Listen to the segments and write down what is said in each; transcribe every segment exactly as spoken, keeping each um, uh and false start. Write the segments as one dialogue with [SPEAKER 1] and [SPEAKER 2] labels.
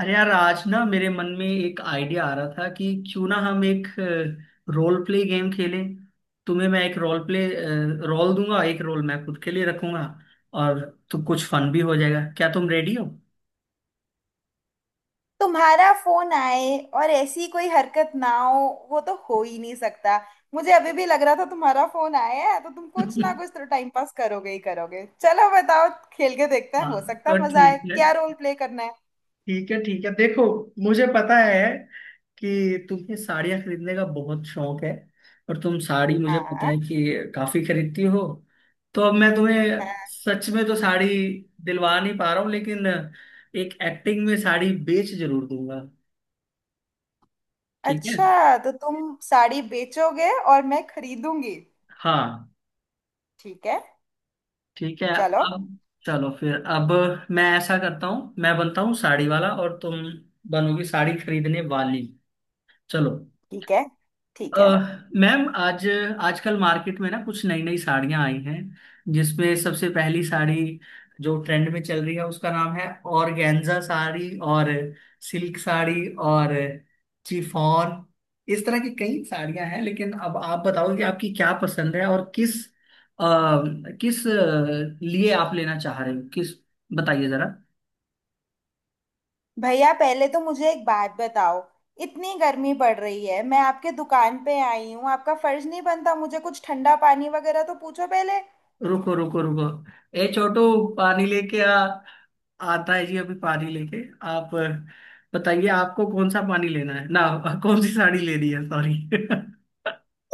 [SPEAKER 1] अरे यार, आज ना मेरे मन में एक आइडिया आ रहा था कि क्यों ना हम एक रोल प्ले गेम खेलें। तुम्हें मैं एक रोल प्ले रोल दूंगा, एक रोल मैं खुद के लिए रखूंगा। और तो कुछ फन भी हो जाएगा। क्या तुम रेडी हो?
[SPEAKER 2] तुम्हारा फोन आए और ऐसी कोई हरकत ना हो, वो तो हो ही नहीं सकता। मुझे अभी भी लग रहा था तुम्हारा फोन आया है तो तुम कुछ
[SPEAKER 1] हाँ,
[SPEAKER 2] ना कुछ तो टाइम पास करोगे ही करोगे। चलो बताओ, खेल के देखते हैं, हो सकता
[SPEAKER 1] तो
[SPEAKER 2] है मजा आए।
[SPEAKER 1] ठीक है।
[SPEAKER 2] क्या रोल प्ले करना है?
[SPEAKER 1] ठीक है, ठीक है, देखो, मुझे पता है कि तुम्हें साड़ियाँ खरीदने का बहुत शौक है। और तुम साड़ी, मुझे
[SPEAKER 2] हाँ।
[SPEAKER 1] पता है कि, काफी खरीदती हो। तो अब मैं तुम्हें
[SPEAKER 2] हाँ।
[SPEAKER 1] सच में तो साड़ी दिलवा नहीं पा रहा हूँ, लेकिन एक एक्टिंग में साड़ी बेच जरूर दूंगा। ठीक है।
[SPEAKER 2] अच्छा, तो तुम साड़ी बेचोगे और मैं खरीदूंगी।
[SPEAKER 1] हाँ।
[SPEAKER 2] ठीक है।
[SPEAKER 1] ठीक है।
[SPEAKER 2] चलो।
[SPEAKER 1] अब चलो फिर, अब मैं ऐसा करता हूँ, मैं बनता हूँ साड़ी वाला और तुम बनोगी साड़ी खरीदने वाली। चलो।
[SPEAKER 2] ठीक है।
[SPEAKER 1] अ,
[SPEAKER 2] ठीक है।
[SPEAKER 1] मैम, आज आजकल मार्केट में ना कुछ नई नई साड़ियां आई हैं, जिसमें सबसे पहली साड़ी जो ट्रेंड में चल रही है उसका नाम है ऑर्गेन्जा साड़ी, और सिल्क साड़ी, और चिफॉन। इस तरह की कई साड़ियां हैं, लेकिन अब आप बताओ कि आपकी क्या पसंद है और किस अ, किस अ, लिए आप लेना चाह रहे हो, किस, बताइए जरा।
[SPEAKER 2] भैया पहले तो मुझे एक बात बताओ, इतनी गर्मी पड़ रही है, मैं आपके दुकान पे आई हूँ, आपका फर्ज नहीं बनता मुझे कुछ ठंडा पानी वगैरह तो पूछो पहले।
[SPEAKER 1] रुको रुको रुको, ए छोटू, पानी लेके आ। आता है जी अभी पानी लेके। आप अ, बताइए, आपको कौन सा पानी लेना है ना कौन सी साड़ी लेनी है, सॉरी।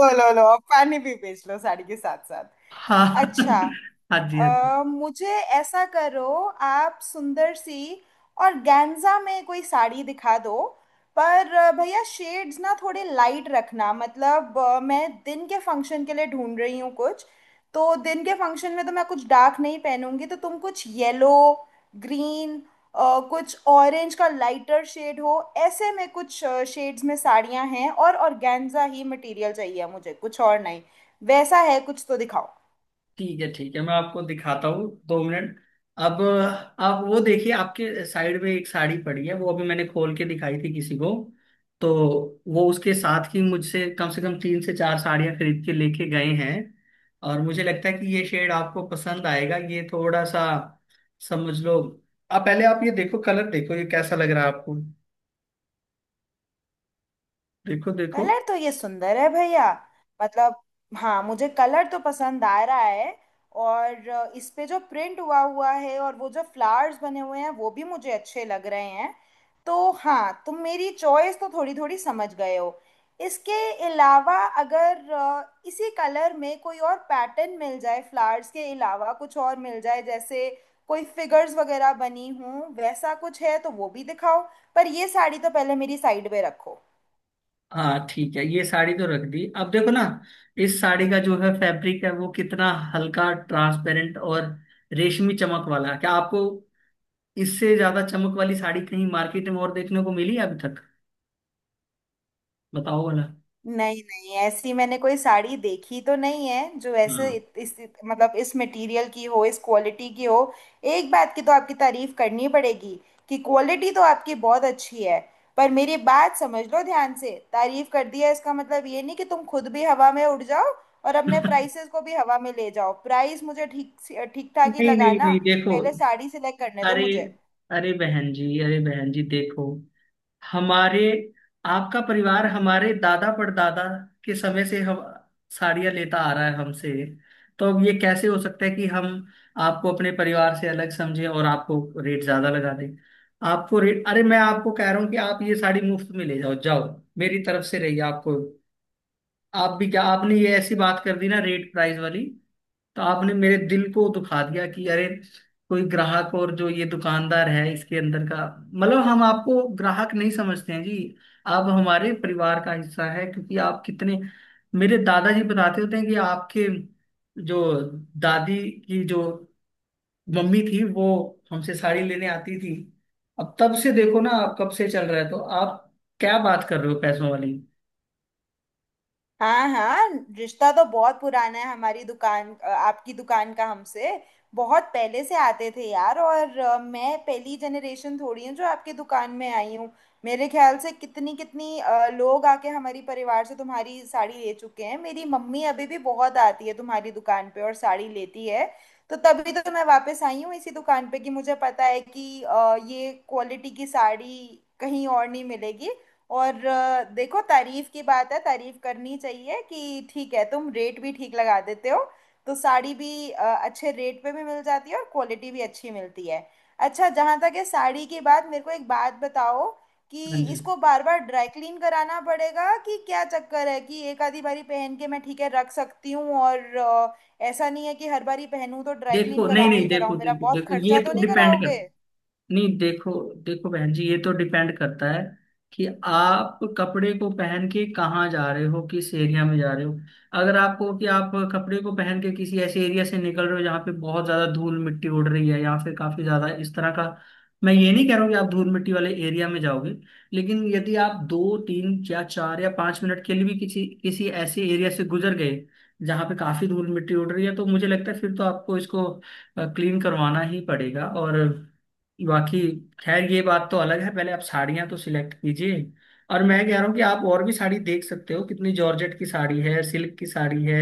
[SPEAKER 2] ओ, लो लो, अब पानी भी बेच लो साड़ी के साथ साथ।
[SPEAKER 1] हाँ
[SPEAKER 2] अच्छा,
[SPEAKER 1] हाँ जी, हाँ जी।
[SPEAKER 2] अ, मुझे ऐसा करो, आप सुंदर सी और गैंजा में कोई साड़ी दिखा दो। पर अ, भैया, शेड्स ना थोड़े लाइट रखना, मतलब अ, मैं दिन के फंक्शन के लिए ढूंढ रही हूँ कुछ। तो दिन के फंक्शन में तो मैं कुछ डार्क नहीं पहनूंगी, तो तुम कुछ येलो, ग्रीन, कुछ ऑरेंज का लाइटर शेड हो, ऐसे में कुछ शेड्स में साड़ियाँ हैं, और ऑर्गेन्जा ही मटेरियल चाहिए मुझे, कुछ और नहीं। वैसा है कुछ तो दिखाओ।
[SPEAKER 1] ठीक है ठीक है, मैं आपको दिखाता हूँ दो मिनट। अब आप वो देखिए, आपके साइड में एक साड़ी पड़ी है, वो अभी मैंने खोल के दिखाई थी किसी को, तो वो उसके साथ ही मुझसे कम से कम तीन से चार साड़ियाँ खरीद के लेके गए हैं। और मुझे लगता है कि ये शेड आपको पसंद आएगा। ये थोड़ा सा समझ लो, आप पहले आप ये देखो, कलर देखो, ये कैसा लग रहा है आपको? देखो देखो।
[SPEAKER 2] कलर तो ये सुंदर है भैया। मतलब, हाँ मुझे कलर तो पसंद आ रहा है। और अ, इस पे जो प्रिंट हुआ हुआ है और वो जो फ्लावर्स बने हुए हैं, वो भी मुझे अच्छे लग रहे हैं। तो हाँ, तुम मेरी चॉइस तो थोड़ी थोड़ी समझ गए हो। इसके अलावा अगर अ, इसी कलर में कोई और पैटर्न मिल जाए, फ्लावर्स के अलावा कुछ और मिल जाए, जैसे कोई फिगर्स वगैरह बनी हों, वैसा कुछ है तो वो भी दिखाओ। पर ये साड़ी तो पहले मेरी साइड पे रखो।
[SPEAKER 1] हाँ ठीक है, ये साड़ी तो रख दी, अब देखो ना, इस साड़ी का जो है फैब्रिक है वो कितना हल्का, ट्रांसपेरेंट और रेशमी चमक वाला है। क्या आपको इससे ज्यादा चमक वाली साड़ी कहीं मार्केट में और देखने को मिली है अभी तक? बताओ वाला।
[SPEAKER 2] नहीं नहीं, ऐसी मैंने कोई साड़ी देखी तो नहीं है जो ऐसे
[SPEAKER 1] हाँ।
[SPEAKER 2] इत- इस, मतलब इस मटेरियल की हो, इस क्वालिटी की हो। एक बात की तो आपकी तारीफ करनी पड़ेगी कि क्वालिटी तो आपकी बहुत अच्छी है। पर मेरी बात समझ लो ध्यान से, तारीफ कर दिया इसका मतलब ये नहीं कि तुम खुद भी हवा में उड़ जाओ और अपने प्राइसेस को भी हवा में ले जाओ। प्राइस मुझे ठीक ठीक ठाक ही
[SPEAKER 1] नहीं नहीं
[SPEAKER 2] लगाना।
[SPEAKER 1] नहीं, देखो,
[SPEAKER 2] पहले साड़ी सिलेक्ट करने दो
[SPEAKER 1] अरे
[SPEAKER 2] मुझे।
[SPEAKER 1] अरे बहन जी, अरे बहन जी देखो, हमारे आपका परिवार हमारे दादा परदादा के समय से हम साड़ियाँ लेता आ रहा है हमसे। तो अब ये कैसे हो सकता है कि हम आपको अपने परिवार से अलग समझें और आपको रेट ज्यादा लगा दें। आपको रेट अरे, मैं आपको कह रहा हूँ कि आप ये साड़ी मुफ्त में ले जाओ, जाओ, मेरी तरफ से रही आपको। आप भी क्या, आपने ये ऐसी बात कर दी ना, रेट प्राइस वाली, तो आपने मेरे दिल को दुखा दिया कि अरे, कोई ग्राहक और जो ये दुकानदार है, इसके अंदर का मतलब, हम आपको ग्राहक नहीं समझते हैं जी, आप हमारे परिवार का हिस्सा है। क्योंकि आप कितने, मेरे दादाजी बताते होते हैं कि आपके जो दादी की जो मम्मी थी, वो हमसे साड़ी लेने आती थी। अब तब से देखो ना, आप कब से चल रहा है, तो आप क्या बात कर रहे हो पैसों वाली।
[SPEAKER 2] हाँ हाँ, रिश्ता तो बहुत पुराना है। हमारी दुकान अ, आपकी दुकान का हमसे बहुत पहले से आते थे यार। और अ, मैं पहली जनरेशन थोड़ी हूँ जो आपकी दुकान में आई हूँ। मेरे ख्याल से कितनी कितनी अ, लोग आके हमारी परिवार से तुम्हारी साड़ी ले चुके हैं। मेरी मम्मी अभी भी बहुत आती है तुम्हारी दुकान पे और साड़ी लेती है। तो तभी तो मैं वापस आई हूँ इसी दुकान पे, कि मुझे पता है कि अ, ये क्वालिटी की साड़ी कहीं और नहीं मिलेगी। और अ, देखो, तारीफ की बात है, तारीफ करनी चाहिए कि ठीक है तुम रेट भी ठीक लगा देते हो। तो साड़ी भी अ, अच्छे रेट पे भी मिल जाती है और क्वालिटी भी अच्छी मिलती है। अच्छा, जहाँ तक है साड़ी की बात, मेरे को एक बात बताओ कि
[SPEAKER 1] हाँ जी।
[SPEAKER 2] इसको बार बार ड्राई क्लीन कराना पड़ेगा कि क्या चक्कर है? कि एक आधी बारी पहन के मैं ठीक है रख सकती हूँ, और अ, ऐसा नहीं है कि हर बारी पहनूं तो ड्राई क्लीन
[SPEAKER 1] देखो, नहीं
[SPEAKER 2] कराऊं
[SPEAKER 1] नहीं,
[SPEAKER 2] ही
[SPEAKER 1] देखो
[SPEAKER 2] कराऊं, मेरा
[SPEAKER 1] देखो
[SPEAKER 2] बहुत
[SPEAKER 1] देखो, ये
[SPEAKER 2] खर्चा तो
[SPEAKER 1] तो
[SPEAKER 2] नहीं
[SPEAKER 1] डिपेंड करता
[SPEAKER 2] कराओगे?
[SPEAKER 1] है। नहीं देखो, देखो बहन जी, ये तो डिपेंड करता है कि आप कपड़े को पहन के कहाँ जा रहे हो, किस एरिया में जा रहे हो। अगर आपको कि आप कपड़े को पहन के किसी ऐसे एरिया से निकल रहे हो जहाँ पे बहुत ज्यादा धूल मिट्टी उड़ रही है, या फिर काफी ज्यादा इस तरह का, मैं ये नहीं कह रहा हूँ कि आप धूल मिट्टी वाले एरिया में जाओगे, लेकिन यदि आप दो, तीन या चार या पांच मिनट के लिए भी किसी किसी ऐसे एरिया से गुजर गए जहाँ पे काफी धूल मिट्टी उड़ रही है, तो मुझे लगता है फिर तो आपको इसको क्लीन करवाना ही पड़ेगा। और बाकी खैर ये बात तो अलग है, पहले आप साड़ियाँ तो सिलेक्ट कीजिए। और मैं कह रहा हूँ कि आप और भी साड़ी देख सकते हो, कितनी जॉर्जेट की साड़ी है, सिल्क की साड़ी है,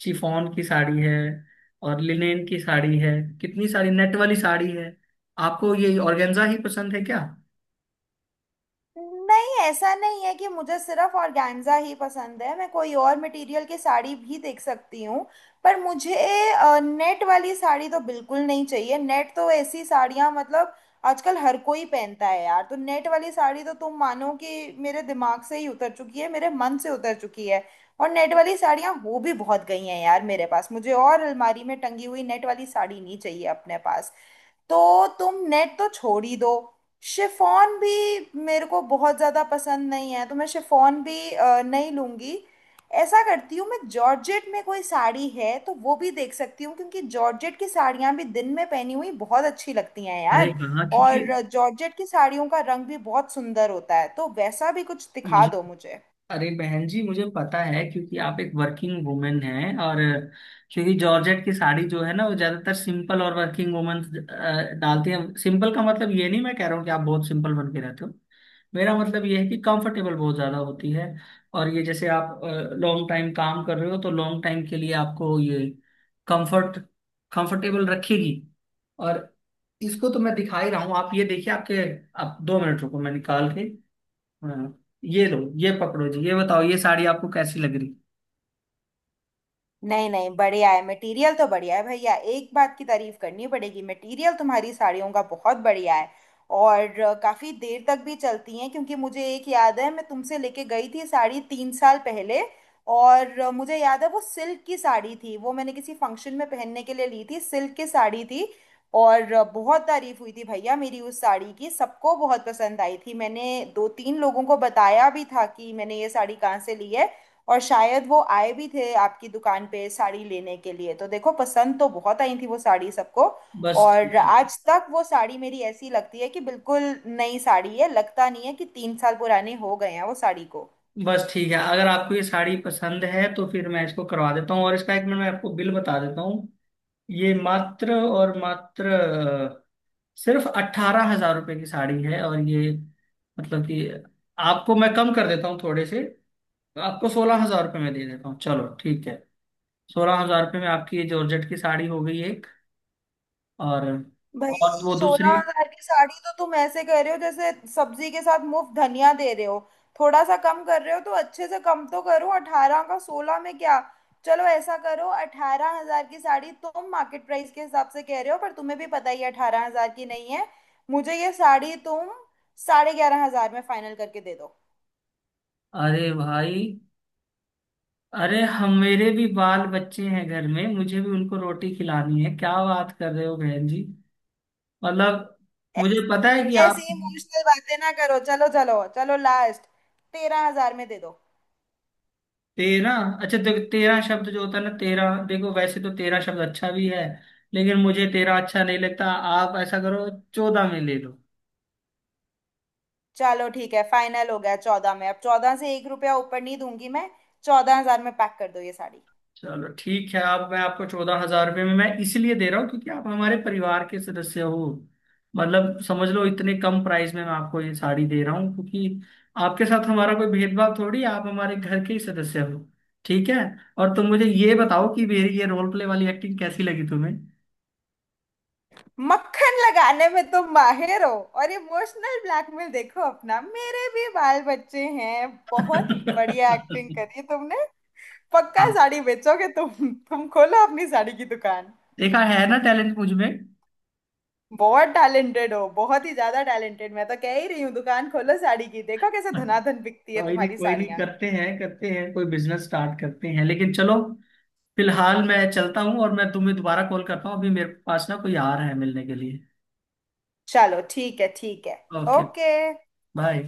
[SPEAKER 1] चिफॉन की साड़ी है, और लिनेन की साड़ी है, कितनी सारी नेट वाली साड़ी है। आपको ये ऑर्गेन्जा ही पसंद है क्या?
[SPEAKER 2] नहीं, ऐसा नहीं है कि मुझे सिर्फ ऑर्गेन्जा ही पसंद है, मैं कोई और मटेरियल की साड़ी भी देख सकती हूँ। पर मुझे नेट वाली साड़ी तो बिल्कुल नहीं चाहिए। नेट तो ऐसी साड़ियाँ, मतलब आजकल हर कोई पहनता है यार, तो नेट वाली साड़ी तो तुम मानो कि मेरे दिमाग से ही उतर चुकी है, मेरे मन से उतर चुकी है। और नेट वाली साड़ियाँ हो भी बहुत गई हैं यार मेरे पास, मुझे और अलमारी में टंगी हुई नेट वाली साड़ी नहीं चाहिए अपने पास। तो तुम नेट तो छोड़ ही दो। शिफॉन भी मेरे को बहुत ज़्यादा पसंद नहीं है, तो मैं शिफॉन भी अ, नहीं लूँगी। ऐसा करती हूँ, मैं जॉर्जेट में कोई साड़ी है तो वो भी देख सकती हूँ, क्योंकि जॉर्जेट की साड़ियाँ भी दिन में पहनी हुई बहुत अच्छी लगती हैं
[SPEAKER 1] अरे
[SPEAKER 2] यार।
[SPEAKER 1] हाँ, क्योंकि
[SPEAKER 2] और जॉर्जेट की साड़ियों का रंग भी बहुत सुंदर होता है, तो वैसा भी कुछ दिखा
[SPEAKER 1] मुझे
[SPEAKER 2] दो मुझे।
[SPEAKER 1] अरे बहन जी, मुझे पता है क्योंकि आप एक वर्किंग वुमेन हैं। और क्योंकि जॉर्जेट की साड़ी जो है ना वो ज्यादातर सिंपल और वर्किंग वुमेन डालती हैं। सिंपल का मतलब ये नहीं मैं कह रहा हूँ कि आप बहुत सिंपल बन के रहते हो, मेरा मतलब ये है कि कंफर्टेबल बहुत ज्यादा होती है। और ये जैसे आप लॉन्ग टाइम काम कर रहे हो, तो लॉन्ग टाइम के लिए आपको ये कंफर्ट कंफर्टेबल रखेगी। और इसको तो मैं दिखा ही रहा हूँ। आप ये देखिए आपके, आप दो मिनट रुको मैं निकाल के। हाँ, ये लो, ये पकड़ो जी, ये बताओ ये साड़ी आपको कैसी लग रही?
[SPEAKER 2] नहीं नहीं, बढ़िया है, मटेरियल तो बढ़िया है भैया, एक बात की तारीफ करनी पड़ेगी, मटेरियल तुम्हारी साड़ियों का बहुत बढ़िया है। और अ, काफी देर तक भी चलती हैं, क्योंकि मुझे एक याद है, मैं तुमसे लेके गई थी साड़ी तीन साल पहले। और अ, मुझे याद है वो सिल्क की साड़ी थी, वो मैंने किसी फंक्शन में पहनने के लिए ली थी, सिल्क की साड़ी थी। और अ, बहुत तारीफ हुई थी भैया मेरी उस साड़ी की, सबको बहुत पसंद आई थी। मैंने दो तीन लोगों को बताया भी था कि मैंने ये साड़ी कहाँ से ली है, और शायद वो आए भी थे आपकी दुकान पे साड़ी लेने के लिए। तो देखो, पसंद तो बहुत आई थी वो साड़ी सबको।
[SPEAKER 1] बस
[SPEAKER 2] और
[SPEAKER 1] ठीक है।
[SPEAKER 2] आज तक वो साड़ी मेरी ऐसी लगती है कि बिल्कुल नई साड़ी है, लगता नहीं है कि तीन साल पुराने हो गए हैं वो साड़ी को।
[SPEAKER 1] बस ठीक है, अगर आपको ये साड़ी पसंद है तो फिर मैं इसको करवा देता हूँ, और इसका एक मिनट मैं आपको बिल बता देता हूँ। ये मात्र और मात्र अ, सिर्फ अट्ठारह हजार रुपये की साड़ी है। और ये मतलब कि आपको मैं कम कर देता हूँ थोड़े से, आपको सोलह हजार रुपये में दे देता हूँ, चलो ठीक है। सोलह हजार रुपये में आपकी ये जॉर्जेट की साड़ी हो गई एक। और
[SPEAKER 2] भाई,
[SPEAKER 1] और वो
[SPEAKER 2] सोलह
[SPEAKER 1] दूसरी,
[SPEAKER 2] हजार की साड़ी तो तुम ऐसे कह रहे हो जैसे सब्जी के साथ मुफ्त धनिया दे रहे हो। थोड़ा सा कम कर रहे हो तो अच्छे से कम तो करो, अठारह का सोलह में क्या? चलो ऐसा करो, अठारह हजार की साड़ी तुम मार्केट प्राइस के हिसाब से कह रहे हो, पर तुम्हें भी पता ही अठारह हजार की नहीं है। मुझे ये साड़ी तुम साढ़े ग्यारह हजार में फाइनल करके दे दो।
[SPEAKER 1] अरे भाई, अरे हम मेरे भी बाल बच्चे हैं घर में, मुझे भी उनको रोटी खिलानी है, क्या बात कर रहे हो बहन जी। मतलब, मुझे
[SPEAKER 2] ऐस-
[SPEAKER 1] पता है कि
[SPEAKER 2] ऐसी
[SPEAKER 1] आप,
[SPEAKER 2] इमोशनल बातें ना करो, चलो चलो चलो लास्ट, तेरह हजार में दे दो।
[SPEAKER 1] तेरह, अच्छा देखो, तेरह शब्द जो होता है ना, तेरह, देखो वैसे तो तेरह शब्द अच्छा भी है, लेकिन मुझे तेरह अच्छा नहीं लगता। आप ऐसा करो, चौदह में ले लो।
[SPEAKER 2] चलो ठीक है, फाइनल हो गया चौदह में। अब चौदह से एक रुपया ऊपर नहीं दूंगी मैं, चौदह हजार में पैक कर दो ये साड़ी।
[SPEAKER 1] चलो ठीक है, आप मैं आपको चौदह हजार रुपये में मैं इसलिए दे रहा हूँ क्योंकि आप हमारे परिवार के सदस्य हो। मतलब समझ लो, इतने कम प्राइस में मैं आपको ये साड़ी दे रहा हूँ क्योंकि आपके साथ हमारा कोई भेदभाव थोड़ी है, आप हमारे घर के ही सदस्य हो। ठीक है। और तुम मुझे ये बताओ कि मेरी ये रोल प्ले वाली एक्टिंग कैसी लगी तुम्हें?
[SPEAKER 2] मक्खन लगाने में तुम माहिर हो, और इमोशनल ब्लैकमेल, देखो अपना मेरे भी बाल बच्चे हैं, बहुत बढ़िया एक्टिंग करी तुमने। पक्का
[SPEAKER 1] हाँ।
[SPEAKER 2] साड़ी बेचोगे तुम तुम खोलो अपनी साड़ी की दुकान।
[SPEAKER 1] देखा है ना टैलेंट मुझ में?
[SPEAKER 2] बहुत टैलेंटेड हो, बहुत ही ज्यादा टैलेंटेड, मैं तो कह ही रही हूँ दुकान खोलो साड़ी की, देखो कैसे धनाधन बिकती है
[SPEAKER 1] कोई नहीं,
[SPEAKER 2] तुम्हारी
[SPEAKER 1] कोई नहीं,
[SPEAKER 2] साड़ियाँ।
[SPEAKER 1] करते हैं करते हैं, कोई बिजनेस स्टार्ट करते हैं, लेकिन चलो फिलहाल मैं चलता हूँ, और मैं तुम्हें दोबारा कॉल करता हूँ, अभी मेरे पास ना कोई आ रहा है मिलने के लिए।
[SPEAKER 2] चलो ठीक है, ठीक है।
[SPEAKER 1] ओके।
[SPEAKER 2] ओके।
[SPEAKER 1] बाय।